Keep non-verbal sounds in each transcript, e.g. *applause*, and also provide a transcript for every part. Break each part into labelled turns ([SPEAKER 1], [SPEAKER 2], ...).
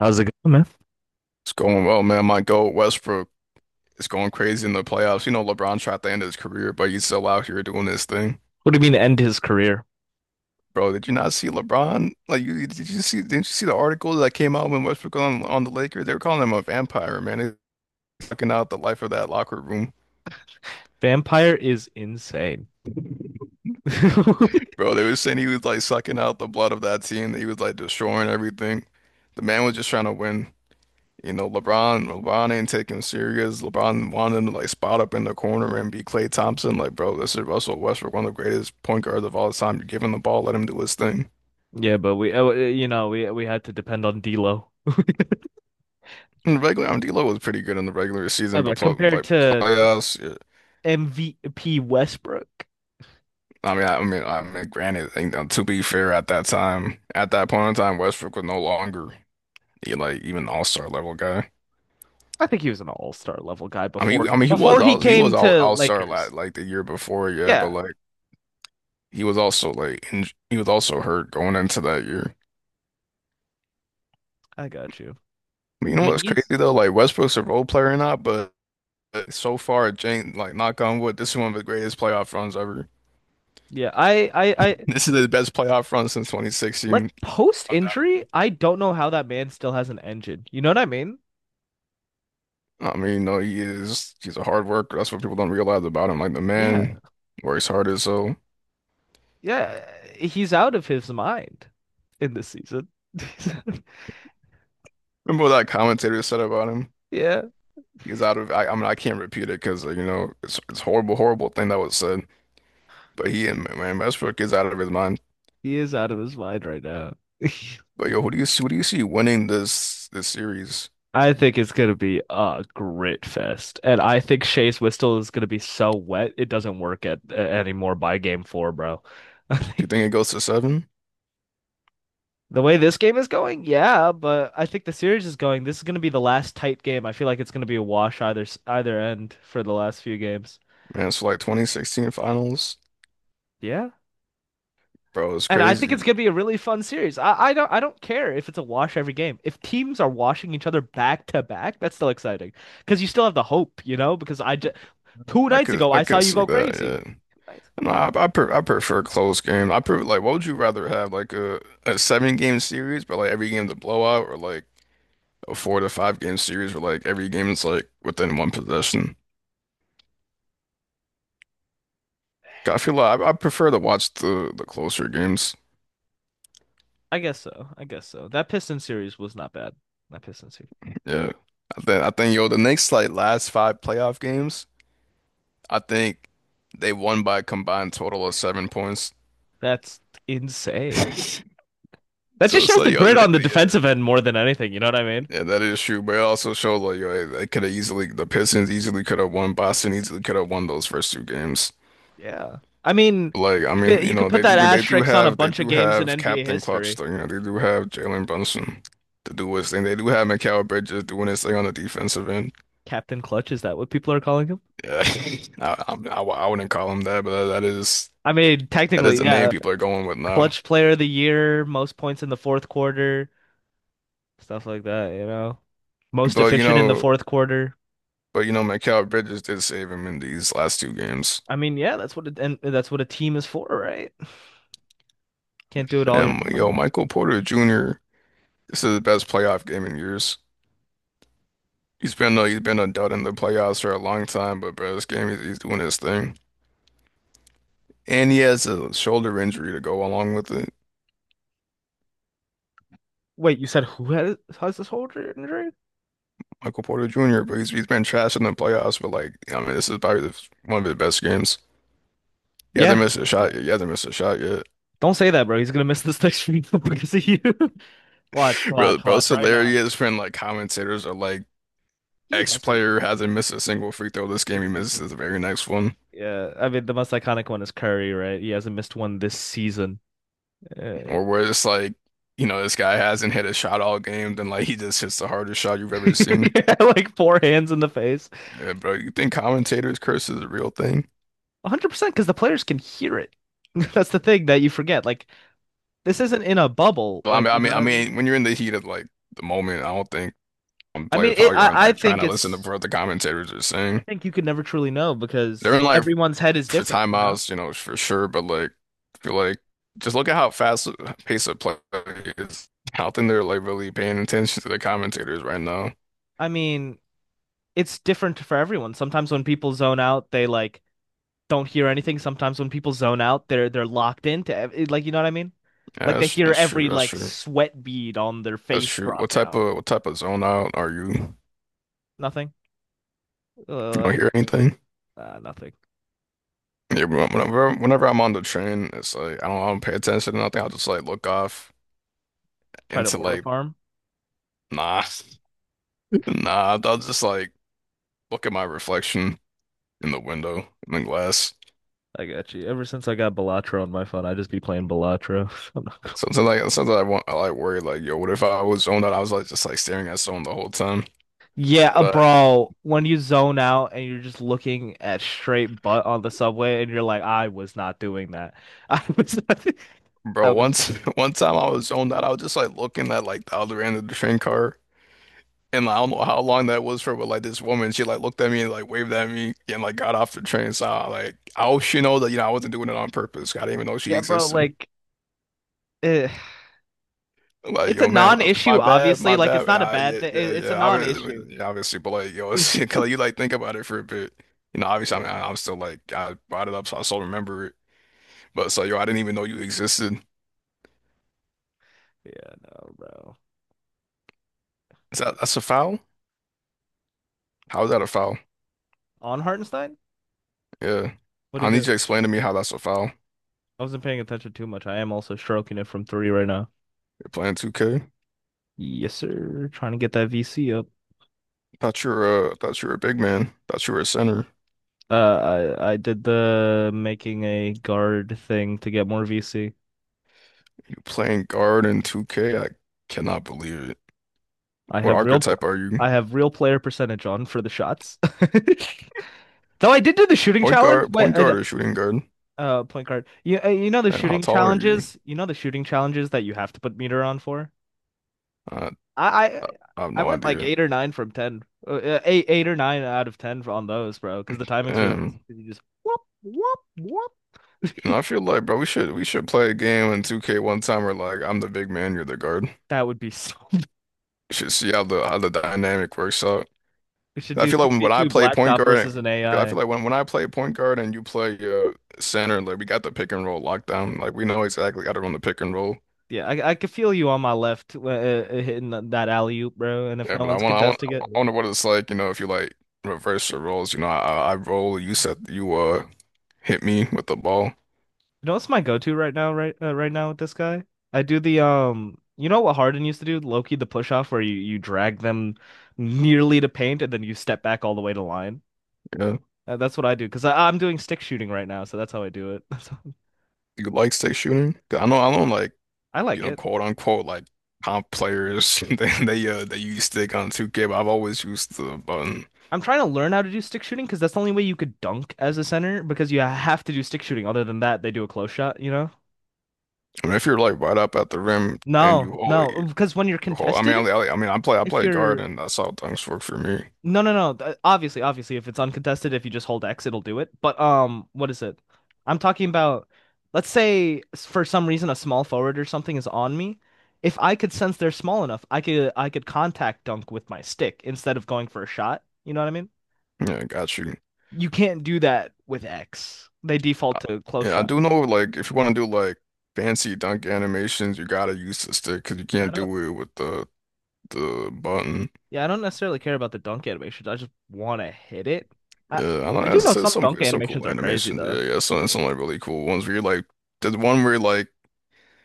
[SPEAKER 1] How's it going, man?
[SPEAKER 2] It's going well, man. My goat, Westbrook, is going crazy in the playoffs. LeBron tried to end his career, but he's still out here doing his thing.
[SPEAKER 1] What do you mean end his career?
[SPEAKER 2] Bro, did you not see LeBron? Like, did you see? Didn't you see the article that came out when Westbrook was on the Lakers? They were calling him a vampire, man. He's sucking out the life of that locker room,
[SPEAKER 1] Vampire is insane. *laughs*
[SPEAKER 2] bro. They were saying he was like sucking out the blood of that team. He was like destroying everything. The man was just trying to win. LeBron ain't taking him serious. LeBron wanted him to like spot up in the corner and be Klay Thompson. Like, bro, this is Russell Westbrook, one of the greatest point guards of all time. You give him the ball, let him do his thing.
[SPEAKER 1] Yeah, but we, you know, we had to depend on D'Lo.
[SPEAKER 2] In the regular, I mean, D'Lo was pretty good in the regular
[SPEAKER 1] Uh,
[SPEAKER 2] season, but
[SPEAKER 1] But
[SPEAKER 2] pl
[SPEAKER 1] compared
[SPEAKER 2] like
[SPEAKER 1] to
[SPEAKER 2] playoffs, yeah.
[SPEAKER 1] MVP Westbrook,
[SPEAKER 2] I mean, I mean, granted, to be fair, at that time, at that point in time, Westbrook was no longer he, like even all-star level guy.
[SPEAKER 1] I think he was an all-star level guy
[SPEAKER 2] I mean,
[SPEAKER 1] before
[SPEAKER 2] I mean, he
[SPEAKER 1] before
[SPEAKER 2] was
[SPEAKER 1] he
[SPEAKER 2] all he was
[SPEAKER 1] came
[SPEAKER 2] all
[SPEAKER 1] to
[SPEAKER 2] all-star la
[SPEAKER 1] Lakers.
[SPEAKER 2] like the year before, yeah, but
[SPEAKER 1] Yeah,
[SPEAKER 2] like he was also he was also hurt going into that year.
[SPEAKER 1] I got you.
[SPEAKER 2] You
[SPEAKER 1] I
[SPEAKER 2] know
[SPEAKER 1] mean,
[SPEAKER 2] what's crazy
[SPEAKER 1] he's
[SPEAKER 2] though? Like Westbrook's a role player or not, but so far, Jane, like knock on wood, this is one of the greatest playoff runs ever. *laughs*
[SPEAKER 1] yeah. I
[SPEAKER 2] This is the best playoff run since
[SPEAKER 1] like
[SPEAKER 2] 2016,
[SPEAKER 1] post injury.
[SPEAKER 2] undoubtedly.
[SPEAKER 1] I don't know how that man still has an engine. You know what I mean?
[SPEAKER 2] I mean, no, he's a hard worker. That's what people don't realize about him. Like the
[SPEAKER 1] Yeah,
[SPEAKER 2] man works hard as so.
[SPEAKER 1] yeah. He's out of his mind in this season. *laughs*
[SPEAKER 2] Remember what that commentator said about him?
[SPEAKER 1] Yeah,
[SPEAKER 2] He's out of I mean I can't repeat it because it's horrible, horrible thing that was said. But he and man Westbrook is out of his mind.
[SPEAKER 1] he is out of his mind right now. *laughs*
[SPEAKER 2] But yo, who do you see? Who do you see winning this series?
[SPEAKER 1] I think it's gonna be a grit fest, and I think Chase Whistle is gonna be so wet it doesn't work anymore by game four, bro. *laughs* I
[SPEAKER 2] Do you
[SPEAKER 1] think
[SPEAKER 2] think it goes to seven?
[SPEAKER 1] the way this game is going, yeah, but I think the series is going. This is gonna be the last tight game. I feel like it's gonna be a wash either either end for the last few games.
[SPEAKER 2] Man, so like 2016 finals,
[SPEAKER 1] Yeah,
[SPEAKER 2] bro, it's
[SPEAKER 1] and I think it's
[SPEAKER 2] crazy.
[SPEAKER 1] gonna be a really fun series. I don't I don't care if it's a wash every game. If teams are washing each other back to back, that's still exciting because you still have the hope. Because I just two
[SPEAKER 2] I
[SPEAKER 1] nights
[SPEAKER 2] could
[SPEAKER 1] ago
[SPEAKER 2] I
[SPEAKER 1] I saw
[SPEAKER 2] could
[SPEAKER 1] you
[SPEAKER 2] see
[SPEAKER 1] go
[SPEAKER 2] that,
[SPEAKER 1] crazy.
[SPEAKER 2] yeah.
[SPEAKER 1] Two nights.
[SPEAKER 2] No, I prefer close game. I prefer like what would you rather have like a seven game series, but like every game's a blowout, or like a four to five game series where like every game is like within one possession. 'Cause I feel like I prefer to watch the closer games.
[SPEAKER 1] I guess so. I guess so. That Pistons series was not bad. That Pistons series.
[SPEAKER 2] Yeah, I think yo the next like last five playoff games, I think they won by a combined total of 7 points.
[SPEAKER 1] That's insane.
[SPEAKER 2] *laughs*
[SPEAKER 1] That
[SPEAKER 2] So
[SPEAKER 1] just
[SPEAKER 2] it's
[SPEAKER 1] shows the
[SPEAKER 2] like yo,
[SPEAKER 1] grit on the
[SPEAKER 2] yeah.
[SPEAKER 1] defensive end more than anything. You know what I mean?
[SPEAKER 2] Yeah, that is true, but it also shows like yo, they could have easily the Pistons easily could have won. Boston easily could have won those first two games.
[SPEAKER 1] Yeah. I mean,
[SPEAKER 2] Like, I
[SPEAKER 1] you
[SPEAKER 2] mean,
[SPEAKER 1] could you could put
[SPEAKER 2] they
[SPEAKER 1] that
[SPEAKER 2] do they do
[SPEAKER 1] asterisk on a
[SPEAKER 2] have they
[SPEAKER 1] bunch of
[SPEAKER 2] do
[SPEAKER 1] games in
[SPEAKER 2] have
[SPEAKER 1] NBA
[SPEAKER 2] Captain Clutch
[SPEAKER 1] history.
[SPEAKER 2] though, they do have Jalen Brunson to do his thing. They do have Mikal Bridges doing his thing on the defensive end.
[SPEAKER 1] Captain Clutch, is that what people are calling him?
[SPEAKER 2] Yeah, *laughs* I wouldn't call him that, but that is
[SPEAKER 1] I mean,
[SPEAKER 2] that is
[SPEAKER 1] technically,
[SPEAKER 2] the name
[SPEAKER 1] yeah.
[SPEAKER 2] people are going with now.
[SPEAKER 1] Clutch player of the year, most points in the fourth quarter, stuff like that, you know. Most
[SPEAKER 2] But you
[SPEAKER 1] efficient in the
[SPEAKER 2] know,
[SPEAKER 1] fourth quarter.
[SPEAKER 2] Mikal Bridges did save him in these last two games.
[SPEAKER 1] I mean, yeah, that's what it, and that's what a team is for, right? Can't do it all your
[SPEAKER 2] Damn,
[SPEAKER 1] own.
[SPEAKER 2] yo, Michael Porter Jr. This is the best playoff game in years. He's been a dud in the playoffs for a long time, but bro, this game he's doing his thing, and he has a shoulder injury to go along with it.
[SPEAKER 1] Wait, you said who has this shoulder injury?
[SPEAKER 2] Michael Porter Jr., but he's been trash in the playoffs, but like I mean, this is probably one of his best games. He hasn't
[SPEAKER 1] Yeah.
[SPEAKER 2] missed a
[SPEAKER 1] Yeah.
[SPEAKER 2] shot yet. He hasn't missed a shot yet.
[SPEAKER 1] Don't say that, bro. He's gonna miss this next week *laughs* because of you. *laughs* Watch,
[SPEAKER 2] Bro,
[SPEAKER 1] watch,
[SPEAKER 2] bro, it's
[SPEAKER 1] watch right now.
[SPEAKER 2] hilarious when like commentators are like,
[SPEAKER 1] He
[SPEAKER 2] X
[SPEAKER 1] hasn't
[SPEAKER 2] player hasn't missed a single free throw this game.
[SPEAKER 1] this
[SPEAKER 2] He misses
[SPEAKER 1] season.
[SPEAKER 2] the very next one,
[SPEAKER 1] Yeah, I mean the most iconic one is Curry, right? He hasn't missed one this season. Uh,
[SPEAKER 2] or where it's like, this guy hasn't hit a shot all game, then like he just hits the hardest shot you've ever seen.
[SPEAKER 1] *laughs* like four hands in the face.
[SPEAKER 2] Yeah, bro, you think commentators curse is a real thing?
[SPEAKER 1] 100% because the players can hear it. *laughs* That's the thing that you forget. Like this isn't in a bubble.
[SPEAKER 2] Well, I
[SPEAKER 1] Like
[SPEAKER 2] mean, I
[SPEAKER 1] you know
[SPEAKER 2] mean,
[SPEAKER 1] what
[SPEAKER 2] I
[SPEAKER 1] I mean?
[SPEAKER 2] mean, when you're in the heat of like the moment, I don't think
[SPEAKER 1] I mean,
[SPEAKER 2] players
[SPEAKER 1] it,
[SPEAKER 2] probably aren't
[SPEAKER 1] I
[SPEAKER 2] like trying
[SPEAKER 1] think
[SPEAKER 2] to listen to
[SPEAKER 1] it's
[SPEAKER 2] what the commentators are
[SPEAKER 1] I
[SPEAKER 2] saying.
[SPEAKER 1] think you could never truly know
[SPEAKER 2] They're
[SPEAKER 1] because
[SPEAKER 2] in like
[SPEAKER 1] everyone's head is
[SPEAKER 2] for
[SPEAKER 1] different. You know?
[SPEAKER 2] timeouts, for sure. But like, I feel like just look at how fast the pace of play is. I don't think they're like really paying attention to the commentators right now.
[SPEAKER 1] I mean, it's different for everyone. Sometimes when people zone out, they like don't hear anything. Sometimes when people zone out, they're locked into like you know what I mean?
[SPEAKER 2] Yeah,
[SPEAKER 1] Like they
[SPEAKER 2] that's
[SPEAKER 1] hear
[SPEAKER 2] that's true.
[SPEAKER 1] every
[SPEAKER 2] That's
[SPEAKER 1] like
[SPEAKER 2] true.
[SPEAKER 1] sweat bead on their
[SPEAKER 2] That's
[SPEAKER 1] face
[SPEAKER 2] true.
[SPEAKER 1] drop
[SPEAKER 2] What type
[SPEAKER 1] down.
[SPEAKER 2] of what type of zone out are you?
[SPEAKER 1] Nothing. Uh,
[SPEAKER 2] You don't
[SPEAKER 1] like,
[SPEAKER 2] hear anything?
[SPEAKER 1] nothing.
[SPEAKER 2] Yeah, but whenever I'm on the train, it's like I don't pay attention to nothing. I'll just like look off
[SPEAKER 1] Try to
[SPEAKER 2] into
[SPEAKER 1] aura
[SPEAKER 2] like
[SPEAKER 1] farm.
[SPEAKER 2] nah, *laughs* nah. I'll just like look at my reflection in the window in the glass.
[SPEAKER 1] I got you. Ever since I got Balatro on my phone, I just be playing Balatro. *laughs* I'm not gonna.
[SPEAKER 2] Sometimes I worry like yo, what if I was zoned out? I was like just like staring at someone the whole time.
[SPEAKER 1] Yeah,
[SPEAKER 2] But
[SPEAKER 1] bro, when you zone out and you're just looking at straight butt on the subway and you're like, I was not doing that. *laughs* I was not, *laughs* I
[SPEAKER 2] bro,
[SPEAKER 1] was,
[SPEAKER 2] once *laughs* one time I was zoned out, I was just like looking at like the other end of the train car. And like, I don't know how long that was for, but like this woman, she like looked at me and like waved at me and like got off the train. So I hope she know that I wasn't doing it on purpose. I didn't even know she
[SPEAKER 1] yeah, bro,
[SPEAKER 2] existed.
[SPEAKER 1] eh,
[SPEAKER 2] Like
[SPEAKER 1] it's a
[SPEAKER 2] yo, man, like, my
[SPEAKER 1] non-issue,
[SPEAKER 2] bad,
[SPEAKER 1] obviously.
[SPEAKER 2] my
[SPEAKER 1] Like, it's
[SPEAKER 2] bad.
[SPEAKER 1] not a bad
[SPEAKER 2] Yeah,
[SPEAKER 1] thing.
[SPEAKER 2] yeah,
[SPEAKER 1] It's
[SPEAKER 2] yeah.
[SPEAKER 1] a
[SPEAKER 2] Obviously,
[SPEAKER 1] non-issue.
[SPEAKER 2] yeah, obviously, but like yo, it's, *laughs* 'cause,
[SPEAKER 1] *laughs*
[SPEAKER 2] like, you like think about it for a bit. Obviously, I mean,
[SPEAKER 1] Yeah,
[SPEAKER 2] I'm still like I brought it up, so I still remember it. But so yo, I didn't even know you existed.
[SPEAKER 1] yeah, no, bro.
[SPEAKER 2] Is that that's a foul? How is that a foul?
[SPEAKER 1] On Hartenstein?
[SPEAKER 2] Yeah,
[SPEAKER 1] What do you
[SPEAKER 2] I need you
[SPEAKER 1] do?
[SPEAKER 2] to explain to me how that's a foul.
[SPEAKER 1] I wasn't paying attention too much. I am also stroking it from three right now.
[SPEAKER 2] You're playing 2K.
[SPEAKER 1] Yes, sir. Trying to get that VC up.
[SPEAKER 2] Thought you were a big man. Thought you were a center.
[SPEAKER 1] I did the making a guard thing to get more VC.
[SPEAKER 2] You playing guard in 2K? I cannot believe it.
[SPEAKER 1] I
[SPEAKER 2] What
[SPEAKER 1] have real
[SPEAKER 2] archetype are you?
[SPEAKER 1] I have real player percentage on for the shots. *laughs* Though I did do the shooting
[SPEAKER 2] Point
[SPEAKER 1] challenge,
[SPEAKER 2] guard, point guard or shooting guard?
[SPEAKER 1] point guard. You know the
[SPEAKER 2] Damn, how
[SPEAKER 1] shooting
[SPEAKER 2] tall are you?
[SPEAKER 1] challenges. You know the shooting challenges that you have to put meter on for.
[SPEAKER 2] I,
[SPEAKER 1] I I,
[SPEAKER 2] I have
[SPEAKER 1] I
[SPEAKER 2] no
[SPEAKER 1] went like
[SPEAKER 2] idea.
[SPEAKER 1] eight or nine from ten. Eight or nine out of ten on those, bro. Because the timing's really easy.
[SPEAKER 2] Damn.
[SPEAKER 1] You just whoop whoop whoop.
[SPEAKER 2] I
[SPEAKER 1] *laughs*
[SPEAKER 2] feel like, bro, we should play a game in 2K one time where like I'm the big man, you're the guard.
[SPEAKER 1] That would be so.
[SPEAKER 2] We should see how the dynamic works out.
[SPEAKER 1] *laughs* We should
[SPEAKER 2] I
[SPEAKER 1] do
[SPEAKER 2] feel like when I
[SPEAKER 1] 2v2
[SPEAKER 2] play point
[SPEAKER 1] blacktop
[SPEAKER 2] guard
[SPEAKER 1] versus an
[SPEAKER 2] and 'cause I
[SPEAKER 1] AI.
[SPEAKER 2] feel like when I play point guard and you play center, like we got the pick and roll lockdown. Like we know exactly how to run the pick and roll.
[SPEAKER 1] Yeah, I could feel you on my left hitting that alley oop, bro. And if
[SPEAKER 2] Yeah,
[SPEAKER 1] no
[SPEAKER 2] but I
[SPEAKER 1] one's
[SPEAKER 2] want, I want,
[SPEAKER 1] contesting it,
[SPEAKER 2] I wonder what it's like, if you like reverse your roles. I roll. You said you hit me with the ball.
[SPEAKER 1] you know what's my go-to right now, right now with this guy? I do the you know what Harden used to do, Loki the push off, where you drag them nearly to paint and then you step back all the way to line.
[SPEAKER 2] Yeah,
[SPEAKER 1] That's what I do because I'm doing stick shooting right now, so that's how I do it. *laughs* So,
[SPEAKER 2] you like stick shooting? 'Cause I know, like
[SPEAKER 1] I like it.
[SPEAKER 2] quote unquote, like comp players. *laughs* They use stick on 2K, but I've always used the button.
[SPEAKER 1] I'm trying to learn how to do stick shooting because that's the only way you could dunk as a center because you have to do stick shooting. Other than that, they do a close shot, you know?
[SPEAKER 2] I mean, if you're like right up at the rim and
[SPEAKER 1] No,
[SPEAKER 2] you hold,
[SPEAKER 1] no,
[SPEAKER 2] you
[SPEAKER 1] because when you're
[SPEAKER 2] hold. I mean, I,
[SPEAKER 1] contested
[SPEAKER 2] I I mean, I play, I
[SPEAKER 1] if
[SPEAKER 2] play guard,
[SPEAKER 1] you're
[SPEAKER 2] and that's how things work for me.
[SPEAKER 1] no, no, no. Obviously, obviously, if it's uncontested, if you just hold X, it'll do it. But what is it? I'm talking about, let's say for some reason a small forward or something is on me. If I could sense they're small enough, I could contact dunk with my stick instead of going for a shot. You know what I mean?
[SPEAKER 2] Yeah, got you.
[SPEAKER 1] You can't do that with X. They default
[SPEAKER 2] Uh,
[SPEAKER 1] to close
[SPEAKER 2] Yeah, I
[SPEAKER 1] shot.
[SPEAKER 2] do know like if you want to do like fancy dunk animations, you gotta use the stick because you
[SPEAKER 1] I
[SPEAKER 2] can't
[SPEAKER 1] don't,
[SPEAKER 2] do it with the button.
[SPEAKER 1] yeah, I don't necessarily care about the dunk animations. I just want to hit it. I
[SPEAKER 2] Yeah, I know.
[SPEAKER 1] I do
[SPEAKER 2] It's
[SPEAKER 1] know
[SPEAKER 2] that's
[SPEAKER 1] some
[SPEAKER 2] some
[SPEAKER 1] dunk
[SPEAKER 2] it's some
[SPEAKER 1] animations
[SPEAKER 2] cool
[SPEAKER 1] are crazy
[SPEAKER 2] animations. Yeah,
[SPEAKER 1] though.
[SPEAKER 2] yeah, some like really cool ones where you like there's one where like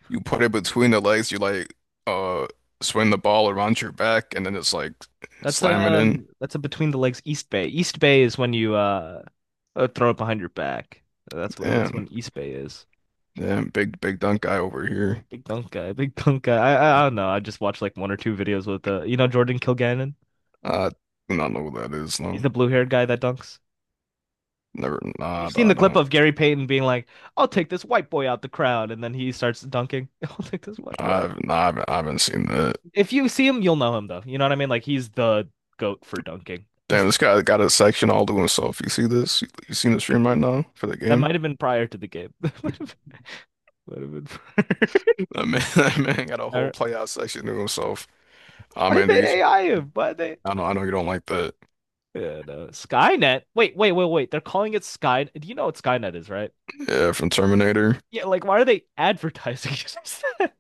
[SPEAKER 2] you put it between the legs, you like uh swing the ball around your back and then it's like
[SPEAKER 1] That's
[SPEAKER 2] slam it
[SPEAKER 1] a
[SPEAKER 2] in.
[SPEAKER 1] that's a between the legs East Bay. East Bay is when you throw it behind your back. That's what that's when
[SPEAKER 2] Damn,
[SPEAKER 1] East Bay is.
[SPEAKER 2] damn, big big dunk guy over here.
[SPEAKER 1] Big dunk guy, big dunk guy. I don't know. I just watched like one or two videos with you know Jordan Kilgannon.
[SPEAKER 2] I do not know who that is.
[SPEAKER 1] He's
[SPEAKER 2] No,
[SPEAKER 1] the blue-haired guy that dunks.
[SPEAKER 2] never.
[SPEAKER 1] You've
[SPEAKER 2] Nah,
[SPEAKER 1] seen
[SPEAKER 2] I
[SPEAKER 1] the clip
[SPEAKER 2] don't.
[SPEAKER 1] of Gary Payton being like, "I'll take this white boy out the crowd," and then he starts dunking. *laughs* I'll take this white boy out.
[SPEAKER 2] I've nah, I haven't seen that.
[SPEAKER 1] If you see him, you'll know him though. You know what I mean? Like he's the goat for dunking. He's
[SPEAKER 2] Damn, this guy got a section all to himself. You see this? You seen the stream right now for the
[SPEAKER 1] that
[SPEAKER 2] game?
[SPEAKER 1] might have been prior to the game. *laughs* That might have been prior.
[SPEAKER 2] That man, *laughs* that man got a
[SPEAKER 1] *laughs* I
[SPEAKER 2] whole playout section to himself. Ah,
[SPEAKER 1] why'd
[SPEAKER 2] man, dude,
[SPEAKER 1] they AI him? Why'd they?
[SPEAKER 2] I know you don't like that.
[SPEAKER 1] Yeah, no. Skynet. Wait, wait, wait, wait. They're calling it Skynet. Do you know what Skynet is, right?
[SPEAKER 2] Yeah, from Terminator.
[SPEAKER 1] Yeah, like why are they advertising it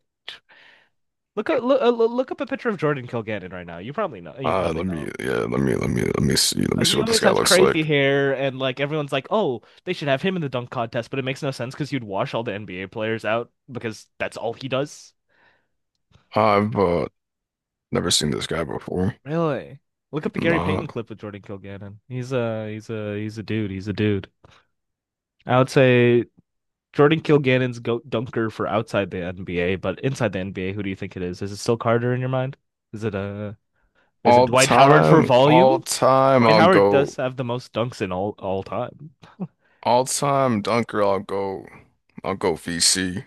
[SPEAKER 1] *laughs* Look up, look, uh, look up a picture of Jordan Kilgannon right now. You probably know. You probably know him.
[SPEAKER 2] Yeah, let me, let me, let me see
[SPEAKER 1] He
[SPEAKER 2] what this
[SPEAKER 1] always
[SPEAKER 2] guy
[SPEAKER 1] has
[SPEAKER 2] looks
[SPEAKER 1] crazy
[SPEAKER 2] like.
[SPEAKER 1] hair, and like everyone's like, "Oh, they should have him in the dunk contest," but it makes no sense because you'd wash all the NBA players out because that's all he does.
[SPEAKER 2] I've never seen this guy before.
[SPEAKER 1] Really? Look up the Gary
[SPEAKER 2] Nah.
[SPEAKER 1] Payton clip with Jordan Kilgannon. He's a dude. He's a dude. I would say Jordan Kilgannon's go dunker for outside the NBA, but inside the NBA, who do you think it is? Is it still Carter in your mind? Is it is it
[SPEAKER 2] All
[SPEAKER 1] Dwight Howard for
[SPEAKER 2] time, all
[SPEAKER 1] volume?
[SPEAKER 2] time,
[SPEAKER 1] Dwight
[SPEAKER 2] I'll
[SPEAKER 1] Howard does
[SPEAKER 2] go.
[SPEAKER 1] have the most dunks in all time.
[SPEAKER 2] All time dunker, I'll go. I'll go VC.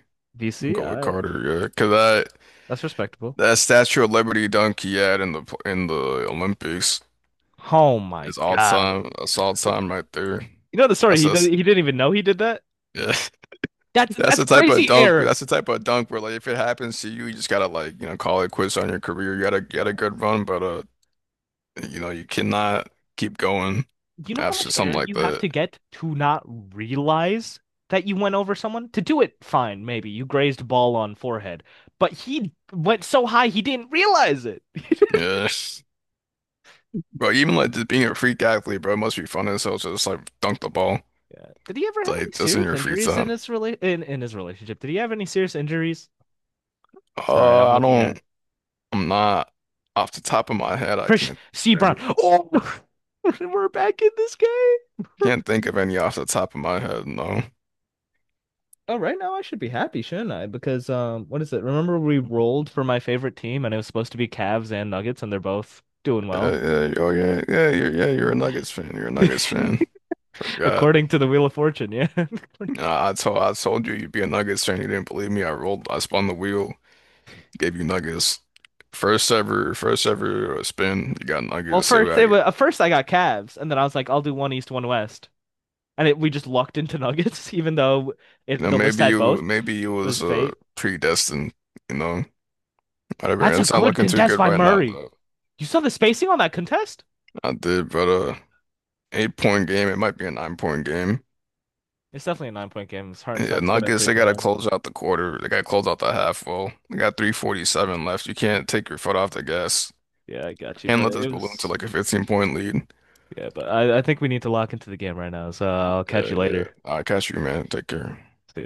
[SPEAKER 2] I'll
[SPEAKER 1] BC,
[SPEAKER 2] go with Carter. Yeah, cause I.
[SPEAKER 1] that's respectable.
[SPEAKER 2] That Statue of Liberty dunk he had in the Olympics
[SPEAKER 1] Oh my
[SPEAKER 2] is all
[SPEAKER 1] God.
[SPEAKER 2] time. That's all time right there.
[SPEAKER 1] You know the story,
[SPEAKER 2] That's
[SPEAKER 1] he didn't even know he did that?
[SPEAKER 2] yeah.
[SPEAKER 1] That's
[SPEAKER 2] *laughs* That's
[SPEAKER 1] that's
[SPEAKER 2] the type of
[SPEAKER 1] crazy
[SPEAKER 2] dunk.
[SPEAKER 1] error.
[SPEAKER 2] That's the type of dunk where like if it happens to you, you just gotta like call it quits on your career. You gotta get a
[SPEAKER 1] Yeah.
[SPEAKER 2] good run, but you cannot keep going
[SPEAKER 1] You know how
[SPEAKER 2] after
[SPEAKER 1] much
[SPEAKER 2] something
[SPEAKER 1] air
[SPEAKER 2] like
[SPEAKER 1] you have
[SPEAKER 2] that.
[SPEAKER 1] to get to not realize that you went over someone? To do it, fine, maybe. You grazed ball on forehead. But he went so high he didn't realize it. *laughs*
[SPEAKER 2] Yeah, *laughs* bro. Even like just being a freak athlete, bro, it must be fun as hell just like dunk the ball
[SPEAKER 1] Yeah. Did he ever have any
[SPEAKER 2] like just in
[SPEAKER 1] serious
[SPEAKER 2] your free
[SPEAKER 1] injuries in
[SPEAKER 2] time.
[SPEAKER 1] in his relationship? Did he have any serious injuries? Sorry, I'm
[SPEAKER 2] I
[SPEAKER 1] looking at
[SPEAKER 2] don't. I'm not off the top of my head. I can't
[SPEAKER 1] Chris
[SPEAKER 2] think
[SPEAKER 1] C.
[SPEAKER 2] of any.
[SPEAKER 1] Brown. Oh, *laughs* we're back in this game. *laughs* We're.
[SPEAKER 2] Can't think of any off the top of my head. No.
[SPEAKER 1] Oh, right now I should be happy, shouldn't I? Because what is it? Remember we rolled for my favorite team, and it was supposed to be Cavs and Nuggets, and they're both doing
[SPEAKER 2] Yeah,
[SPEAKER 1] well.
[SPEAKER 2] yeah, oh yeah, yeah. You're yeah. You're a
[SPEAKER 1] *laughs*
[SPEAKER 2] Nuggets fan. You're a Nuggets fan. Forgot.
[SPEAKER 1] According to the Wheel of Fortune, yeah.
[SPEAKER 2] Nah, I told you you'd be a Nuggets fan. You didn't believe me. I rolled. I spun the wheel. Gave you Nuggets. First ever. First ever spin. You got
[SPEAKER 1] *laughs* Well,
[SPEAKER 2] Nuggets. See what
[SPEAKER 1] first
[SPEAKER 2] I
[SPEAKER 1] it
[SPEAKER 2] get.
[SPEAKER 1] was, at first I got Cavs, and then I was like, I'll do one East, one West, and it, we just lucked into *laughs* Nuggets, even though
[SPEAKER 2] You
[SPEAKER 1] it,
[SPEAKER 2] know,
[SPEAKER 1] the list
[SPEAKER 2] maybe
[SPEAKER 1] had both.
[SPEAKER 2] you maybe you
[SPEAKER 1] It was
[SPEAKER 2] was
[SPEAKER 1] fate.
[SPEAKER 2] predestined. You know, whatever.
[SPEAKER 1] That's a
[SPEAKER 2] It's not
[SPEAKER 1] good
[SPEAKER 2] looking too
[SPEAKER 1] contest
[SPEAKER 2] good
[SPEAKER 1] by
[SPEAKER 2] right now
[SPEAKER 1] Murray.
[SPEAKER 2] though.
[SPEAKER 1] You saw the spacing on that contest?
[SPEAKER 2] I did, but 8 point game. It might be a 9 point game.
[SPEAKER 1] It's definitely a 9 point game. It's
[SPEAKER 2] Yeah,
[SPEAKER 1] Hartenstein's good at
[SPEAKER 2] Nuggets,
[SPEAKER 1] free
[SPEAKER 2] they gotta
[SPEAKER 1] throwing.
[SPEAKER 2] close out the quarter. They gotta close out the half. Well, they got 3:47 left. You can't take your foot off the gas.
[SPEAKER 1] Yeah, I got you.
[SPEAKER 2] Can't
[SPEAKER 1] But
[SPEAKER 2] let
[SPEAKER 1] it
[SPEAKER 2] this balloon to
[SPEAKER 1] was
[SPEAKER 2] like a 15 point lead.
[SPEAKER 1] yeah. But I think we need to lock into the game right now. So I'll catch
[SPEAKER 2] Yeah,
[SPEAKER 1] you
[SPEAKER 2] yeah.
[SPEAKER 1] later.
[SPEAKER 2] I'll catch you, man. Take care.
[SPEAKER 1] See ya.